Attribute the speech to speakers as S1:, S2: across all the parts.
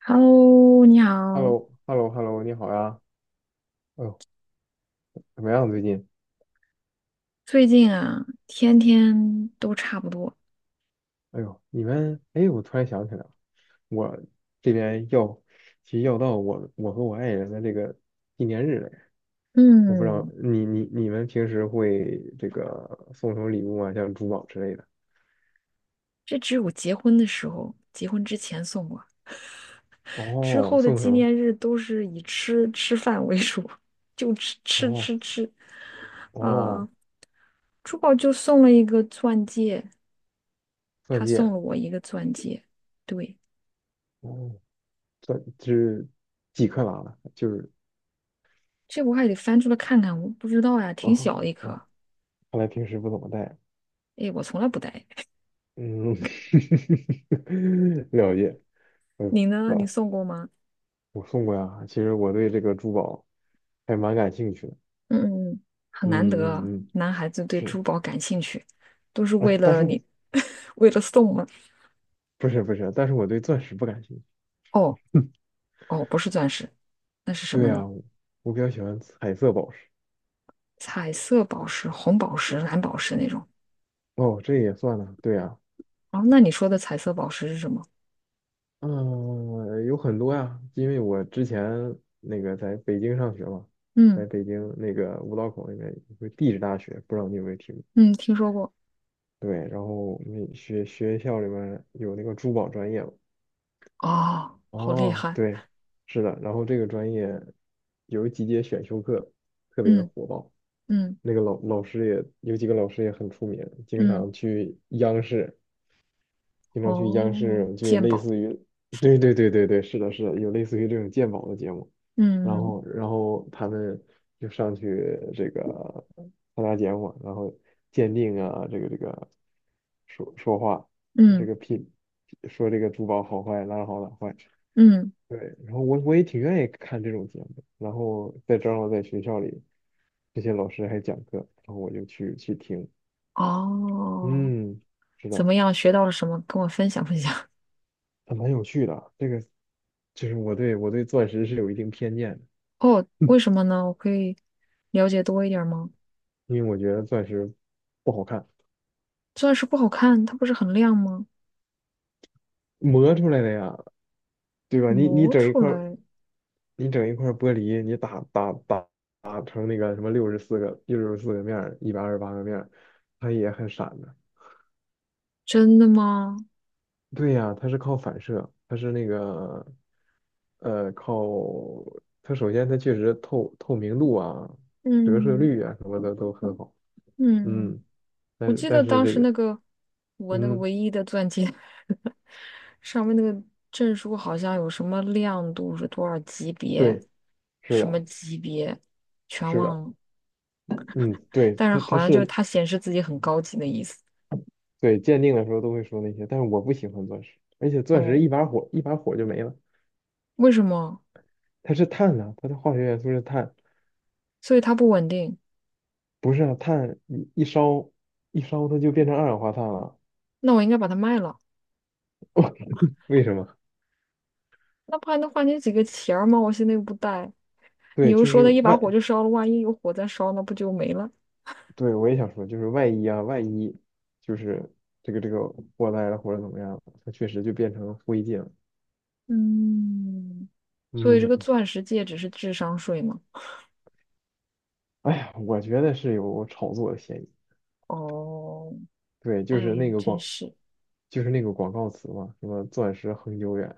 S1: Hello，你
S2: h e l l
S1: 好。
S2: o h e l l o h e l l o 你好呀。哎呦，怎么样最近？
S1: 最近啊，天天都差不多。
S2: 哎呦，你们，哎，我突然想起来了，我这边要，其实要到我和我爱人的这个纪念日了。我不知道
S1: 嗯，
S2: 你们平时会这个送什么礼物啊？像珠宝之类的？
S1: 这只有结婚的时候，结婚之前送过，之
S2: 哦，
S1: 后的
S2: 送什
S1: 纪
S2: 么？
S1: 念日都是以吃吃饭为主，就吃吃
S2: 哦
S1: 吃吃。啊、
S2: 哦，
S1: 珠宝就送了一个钻戒，
S2: 钻
S1: 他
S2: 戒。
S1: 送了我一个钻戒。对，
S2: 哦，钻是几克拉的？就是
S1: 这我还得翻出来看看，我不知道呀，挺小
S2: 哦
S1: 的一颗。
S2: 哦，看来平时不怎么戴。
S1: 哎，我从来不戴。
S2: 嗯，了解。嗯。
S1: 你呢？你送过吗？
S2: 我送过呀。其实我对这个珠宝还蛮感兴趣的。
S1: 嗯嗯，很难得
S2: 嗯
S1: 啊，
S2: 嗯嗯，
S1: 男孩子对
S2: 是。
S1: 珠宝感兴趣，都是为
S2: 哎，但
S1: 了
S2: 是我
S1: 你，为了送吗？
S2: 不是不是，但是我对钻石不感兴趣。
S1: 哦哦，不是钻石，那是什
S2: 对
S1: 么
S2: 呀，
S1: 呢？
S2: 我比较喜欢彩色宝石。
S1: 彩色宝石、红宝石、蓝宝石那种。
S2: 哦，这也算呢。对呀，
S1: 哦，那你说的彩色宝石是什么？
S2: 嗯，有很多呀，因为我之前那个在北京上学嘛，在
S1: 嗯
S2: 北京那个五道口那边有个地质大学，不知道你有没有听过？
S1: 嗯，听说过。
S2: 对，然后那学校里面有那个珠宝专业嘛。
S1: 哦，好厉
S2: 哦，
S1: 害。
S2: 对，是的，然后这个专业有几节选修课特别的
S1: 嗯
S2: 火爆，
S1: 嗯
S2: 那个老老师也有几个老师也很出名，经
S1: 嗯，
S2: 常去央视，经常去央
S1: 哦，
S2: 视就有
S1: 鉴
S2: 类
S1: 宝。
S2: 似于，对对对对对，是的是的，有类似于这种鉴宝的节目，然
S1: 嗯
S2: 后然后他们就上去这个参加节目，然后鉴定啊，这个说话，这
S1: 嗯
S2: 个品说这个珠宝好坏，哪儿好哪儿坏。
S1: 嗯，
S2: 对，然后我也挺愿意看这种节目，然后在正好在学校里，这些老师还讲课，然后我就去听，
S1: 哦，
S2: 嗯，是
S1: 怎
S2: 的，
S1: 么样？学到了什么？跟我分享分享。
S2: 还蛮有趣的。这个就是我对钻石是有一定偏见的，
S1: 哦，为 什么呢？我可以了解多一点儿吗？
S2: 因为我觉得钻石不好看，
S1: 钻石不好看，它不是很亮吗？
S2: 磨出来的呀，对吧？你
S1: 磨
S2: 整一
S1: 出
S2: 块儿，
S1: 来，
S2: 你整一块儿玻璃，你打成那个什么六十四个面儿，128个面儿，它也很闪的。
S1: 真的吗？
S2: 对呀，它是靠反射，它是那个呃靠它首先它确实明度啊、折射
S1: 嗯
S2: 率啊什么的都很好，
S1: 嗯，
S2: 嗯，但
S1: 我
S2: 是
S1: 记得
S2: 但是
S1: 当
S2: 这
S1: 时
S2: 个。
S1: 那个我那个
S2: 嗯。
S1: 唯一的钻戒 上面那个证书好像有什么亮度是多少级别，
S2: 对。是
S1: 什么
S2: 的，
S1: 级别，全
S2: 是
S1: 忘
S2: 的。
S1: 了。
S2: 嗯。对，
S1: 但是
S2: 它
S1: 好
S2: 它
S1: 像就是
S2: 是
S1: 它显示自己很高级的意思。
S2: 对鉴定的时候都会说那些，但是我不喜欢钻石，而且钻石
S1: 哦，
S2: 一把火就没了，
S1: 为什么？
S2: 它是碳呐、它的化学元素是碳，
S1: 所以它不稳定。
S2: 不是啊，碳一烧它就变成二氧化碳了，
S1: 那我应该把它卖了。
S2: 为什么？
S1: 那不还能换你几个钱儿吗？我现在又不带，你
S2: 对，
S1: 又
S2: 就
S1: 说
S2: 是
S1: 那一把
S2: 外
S1: 火就烧了，万一有火再烧，那不就没了？
S2: 对，我也想说，就是万一啊，万一就是这个这个祸害了或者怎么样了它确实就变成灰烬了。
S1: 嗯，所以这个
S2: 嗯，
S1: 钻石戒指是智商税吗？
S2: 哎呀，我觉得是有炒作的嫌疑。
S1: 哦，
S2: 对，
S1: 哎，真是。
S2: 就是那个广告词嘛，什么"钻石恒久远，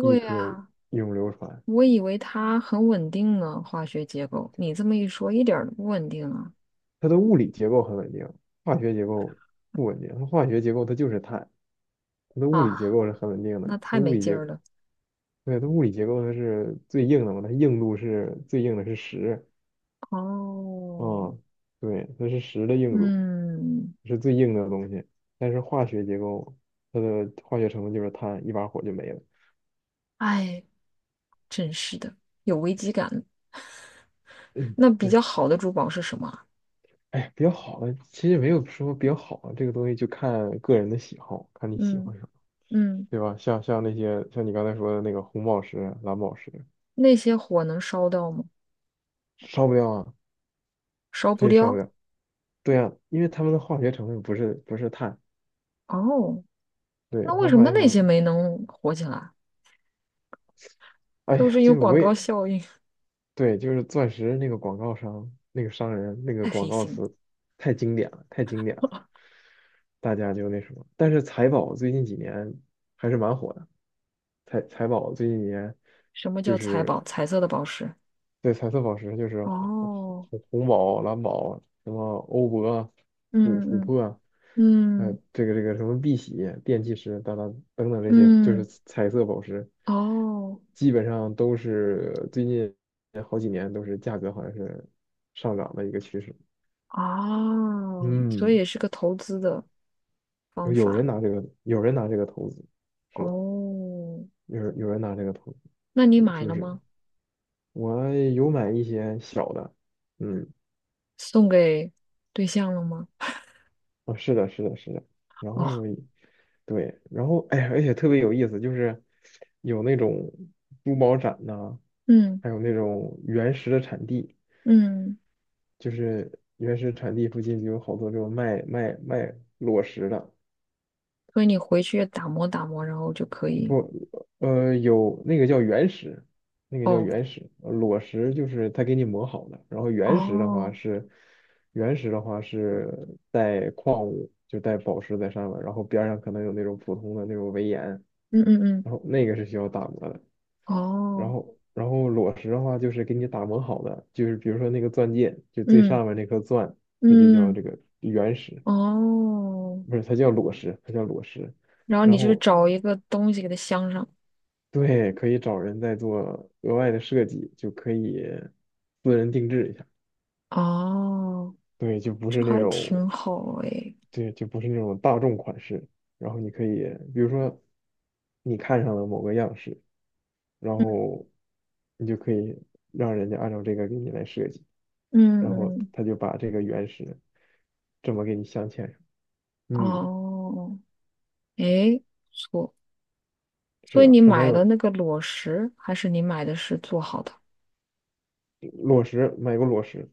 S2: 一颗
S1: 呀，
S2: 永流传"。
S1: 我以为它很稳定呢，化学结构。你这么一说，一点儿都不稳定啊！
S2: 它的物理结构很稳定，化学结构不稳定。它化学结构它就是碳，它的物理结
S1: 啊，
S2: 构是很稳定
S1: 那
S2: 的。
S1: 太
S2: 它物
S1: 没
S2: 理
S1: 劲
S2: 结，
S1: 儿了。
S2: 对，它物理结构它是最硬的嘛，它硬度是最硬的是十。
S1: 哦，
S2: 嗯，对，它是石的硬度，
S1: 嗯，
S2: 是最硬的东西。但是化学结构，它的化学成分就是碳，一把火就没了。
S1: 哎，真是的，有危机感。
S2: 嗯，
S1: 那比较
S2: 对。
S1: 好的珠宝是什么？
S2: 哎，比较好的其实没有说比较好的，这个东西就看个人的喜好，看你喜
S1: 嗯
S2: 欢什么，
S1: 嗯，
S2: 对吧？像那些像你刚才说的那个红宝石、蓝宝石，
S1: 那些火能烧到吗？
S2: 烧不掉啊，
S1: 烧不
S2: 这烧不
S1: 掉。
S2: 掉。对啊，因为它们的化学成分不是碳，
S1: 哦，
S2: 对，
S1: 那
S2: 它
S1: 为
S2: 们
S1: 什
S2: 化
S1: 么
S2: 学成
S1: 那些
S2: 分，
S1: 没能火起来？
S2: 哎
S1: 都
S2: 呀，
S1: 是有
S2: 就是
S1: 广
S2: 我也
S1: 告效应，
S2: 对，就是钻石那个广告商、那个商人、那 个
S1: 太
S2: 广
S1: 黑
S2: 告
S1: 心了。
S2: 词，太经典了，太经典了，大家就那什么。但是财宝最近几年还是蛮火的，财宝最近几年
S1: 什么叫
S2: 就
S1: 彩宝？
S2: 是
S1: 彩色的宝石。
S2: 对，彩色宝石就是
S1: 哦，
S2: 红宝、蓝宝，什么欧泊、
S1: 嗯
S2: 琥
S1: 嗯
S2: 珀，
S1: 嗯
S2: 这个什么碧玺、电气石等等等等这些，就是
S1: 嗯，
S2: 彩色宝石，
S1: 哦
S2: 基本上都是最近好几年都是价格好像是上涨的一个趋势。
S1: 哦，所
S2: 嗯，
S1: 以也是个投资的方
S2: 有人
S1: 法。
S2: 拿这个，有人拿这个投资，是的，
S1: 哦，
S2: 有人拿这个投资，
S1: 那你
S2: 就
S1: 买
S2: 就
S1: 了
S2: 是
S1: 吗？
S2: 我有买一些小的，嗯。
S1: 送给对象了吗？
S2: 啊，是的，是的，是的。然后，
S1: 哦，
S2: 对，然后哎呀，而且特别有意思，就是有那种珠宝展呐、
S1: 嗯
S2: 还有那种原石的产地，
S1: 嗯，
S2: 就是原石产地附近就有好多这种卖裸石的，
S1: 所以你回去打磨打磨，然后就可以。
S2: 不，有那个叫原石，那个叫
S1: 哦。
S2: 原石，裸石就是他给你磨好的，然后原石的话
S1: 哦，
S2: 是，原石的话是带矿物，就带宝石在上面，然后边儿上可能有那种普通的那种围岩。
S1: 嗯嗯嗯，
S2: 然后那个是需要打磨的，然
S1: 哦，
S2: 后然后裸石的话就是给你打磨好的，就是比如说那个钻戒，就最
S1: 嗯
S2: 上面那颗钻，它就叫
S1: 嗯，
S2: 这个原石，
S1: 哦，
S2: 不是它叫裸石，它叫裸石。
S1: 然后你
S2: 然
S1: 就是
S2: 后
S1: 找一个东西给它镶上，
S2: 对，可以找人再做额外的设计，就可以私人定制一下。
S1: 哦，
S2: 对，就不是
S1: 这
S2: 那
S1: 还
S2: 种，
S1: 挺好诶，
S2: 对，就不是那种大众款式。然后你可以，比如说你看上了某个样式，然
S1: 嗯
S2: 后你就可以让人家按照这个给你来设计。
S1: 嗯
S2: 然后
S1: 嗯，
S2: 他就把这个原石这么给你镶嵌上。嗯，
S1: 哦，诶，不错，
S2: 是
S1: 所以
S2: 的，
S1: 你
S2: 还蛮
S1: 买的
S2: 有
S1: 那个裸石，还是你买的是做好的？
S2: 裸石，买过裸石。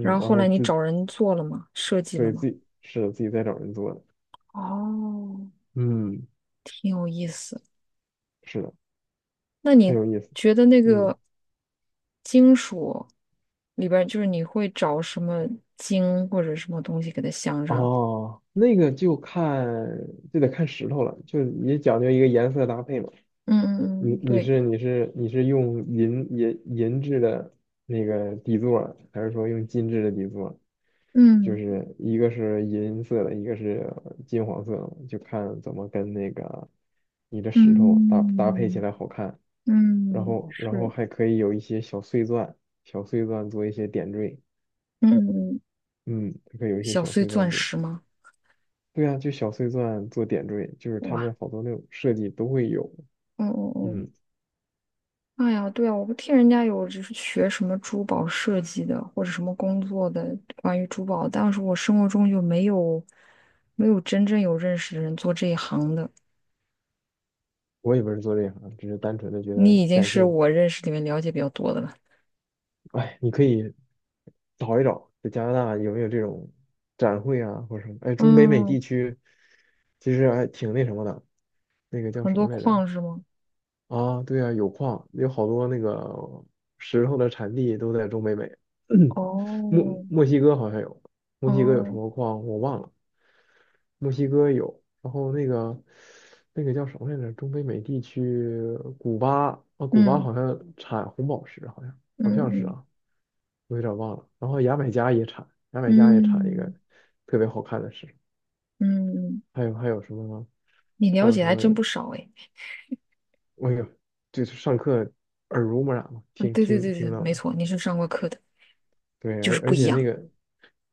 S1: 然后
S2: 然
S1: 后
S2: 后
S1: 来你
S2: 自
S1: 找人做了吗？设计了
S2: 对
S1: 吗？
S2: 自己是的自己在找人做的。
S1: 哦，
S2: 嗯，
S1: 挺有意思。
S2: 是的，
S1: 那
S2: 很
S1: 你
S2: 有意思。
S1: 觉得那
S2: 嗯，
S1: 个金属里边，就是你会找什么金或者什么东西给它镶上？
S2: 哦，那个就得看石头了，就也讲究一个颜色搭配嘛。
S1: 嗯嗯
S2: 你
S1: 嗯，
S2: 你
S1: 对，
S2: 是你是你是用银质的那个底座，还是说用金质的底座？就
S1: 嗯
S2: 是一个是银色的，一个是金黄色的，就看怎么跟那个你的石头搭配起
S1: 嗯
S2: 来好看。然
S1: 嗯，
S2: 后然后
S1: 是，
S2: 还可以有一些小碎钻，小碎钻做一些点缀。
S1: 嗯嗯，
S2: 嗯，它可以有一些
S1: 小
S2: 小
S1: 碎
S2: 碎钻
S1: 钻
S2: 做。
S1: 石吗？
S2: 对啊，就小碎钻做点缀，就是他
S1: 哇，
S2: 们好多那种设计都会有。
S1: 嗯嗯嗯，
S2: 嗯，
S1: 哎呀，对啊，我不听人家有就是学什么珠宝设计的或者什么工作的关于珠宝，但是我生活中就没有没有真正有认识的人做这一行的。
S2: 我也不是做这行，只是单纯的觉得
S1: 你已经
S2: 感
S1: 是
S2: 兴趣。
S1: 我认识里面了解比较多的了。
S2: 哎，你可以找一找，在加拿大有没有这种展会啊，或者什么？哎，中北美
S1: 嗯，
S2: 地区其实还挺那什么的，那个叫
S1: 很
S2: 什
S1: 多
S2: 么来着？
S1: 矿是吗？
S2: 啊，对啊，有矿，有好多那个石头的产地都在中北美，
S1: 哦
S2: 墨西哥好像有，墨西哥有什
S1: 哦，
S2: 么矿我忘了，墨西哥有，然后那个叫什么来着？中北美地区，古巴啊，古巴
S1: 嗯
S2: 好像产红宝石，好
S1: 嗯
S2: 像是
S1: 嗯
S2: 啊，我有点忘了。然后牙买加也产，牙买加也产一个
S1: 嗯
S2: 特别好看的石，
S1: 嗯，
S2: 还有什么呢？
S1: 你
S2: 还
S1: 了
S2: 有
S1: 解
S2: 什
S1: 还
S2: 么？
S1: 真不少哎。
S2: 我有，就是上课耳濡目染嘛，
S1: 嗯，对对对对，
S2: 听到
S1: 没
S2: 的。
S1: 错，你是上过课的，
S2: 对，
S1: 就是
S2: 而而
S1: 不一
S2: 且那
S1: 样。
S2: 个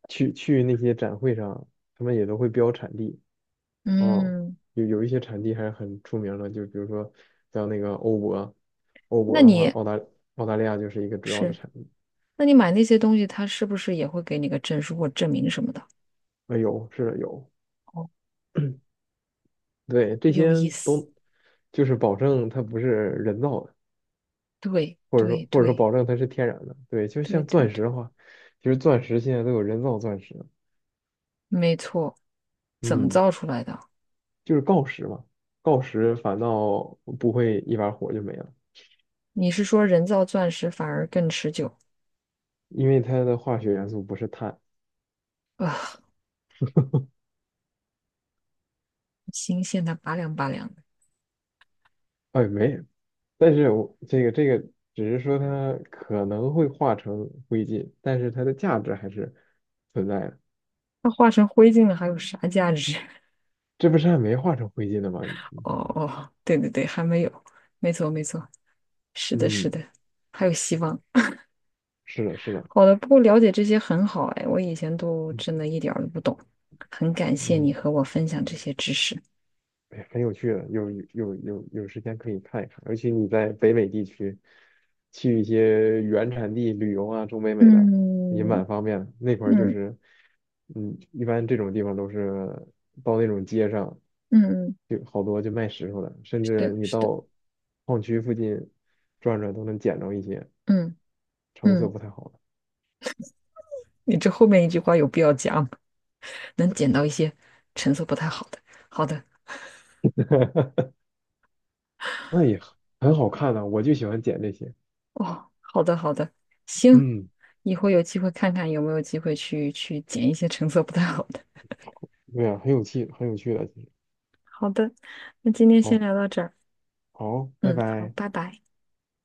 S2: 去那些展会上，他们也都会标产地。哦，
S1: 嗯，
S2: 有一些产地还是很出名的，就比如说像那个欧泊，欧
S1: 那
S2: 泊的话，
S1: 你
S2: 澳大利亚就是一个主要的
S1: 是，
S2: 产地。
S1: 那你买那些东西，他是不是也会给你个证书或证明什么的？
S2: 啊，有，是的，有。
S1: 哦，
S2: 对，这
S1: 有
S2: 些
S1: 意思。
S2: 都就是保证它不是人造的，
S1: 对
S2: 或者说
S1: 对
S2: 保证它是天然的。对，就
S1: 对
S2: 像
S1: 对对
S2: 钻
S1: 对，
S2: 石的话，其实钻石现在都有人造钻石。
S1: 没错。怎么
S2: 嗯。
S1: 造出来的？
S2: 就是锆石嘛，锆石反倒不会一把火就没了，
S1: 你是说人造钻石反而更持久？
S2: 因为它的化学元素不是碳，
S1: 啊，新鲜的拔凉拔凉的，
S2: 哎，没，但是我只是说它可能会化成灰烬，但是它的价值还是存在的。
S1: 它化成灰烬了，还有啥价值？
S2: 这不是还没化成灰烬的吗？
S1: 哦哦，对对对，还没有，没错没错，是的，是
S2: 嗯，
S1: 的，还有希望。
S2: 是的，是的，
S1: 好的，不过了解这些很好哎，我以前都
S2: 嗯
S1: 真的一点儿都不懂，很感谢你
S2: 嗯。
S1: 和我分享这些知识。
S2: 哎呀很有趣的，有时间可以看一看，尤其你在北美地区，去一些原产地旅游啊，中北美的也
S1: 嗯
S2: 蛮方便的。那块儿就
S1: 嗯
S2: 是，嗯，一般这种地方都是到那种街上，
S1: 嗯，
S2: 就好多就卖石头的，甚
S1: 是的，
S2: 至你
S1: 是的，
S2: 到矿区附近转转都能捡着一些
S1: 嗯
S2: 成色
S1: 嗯，
S2: 不太好
S1: 你这后面一句话有必要讲，能捡到一些成色不太好的。好的，
S2: 的，那也很好看的，我就喜欢捡这些。
S1: 哦，好的好的，行，
S2: 嗯，
S1: 以后有机会看看有没有机会去去捡一些成色不太好的。
S2: 对啊，很有趣，很有趣的，其实
S1: 好的，那今天先
S2: 好，
S1: 聊到这儿，
S2: 好，拜
S1: 嗯，好，
S2: 拜。
S1: 拜拜。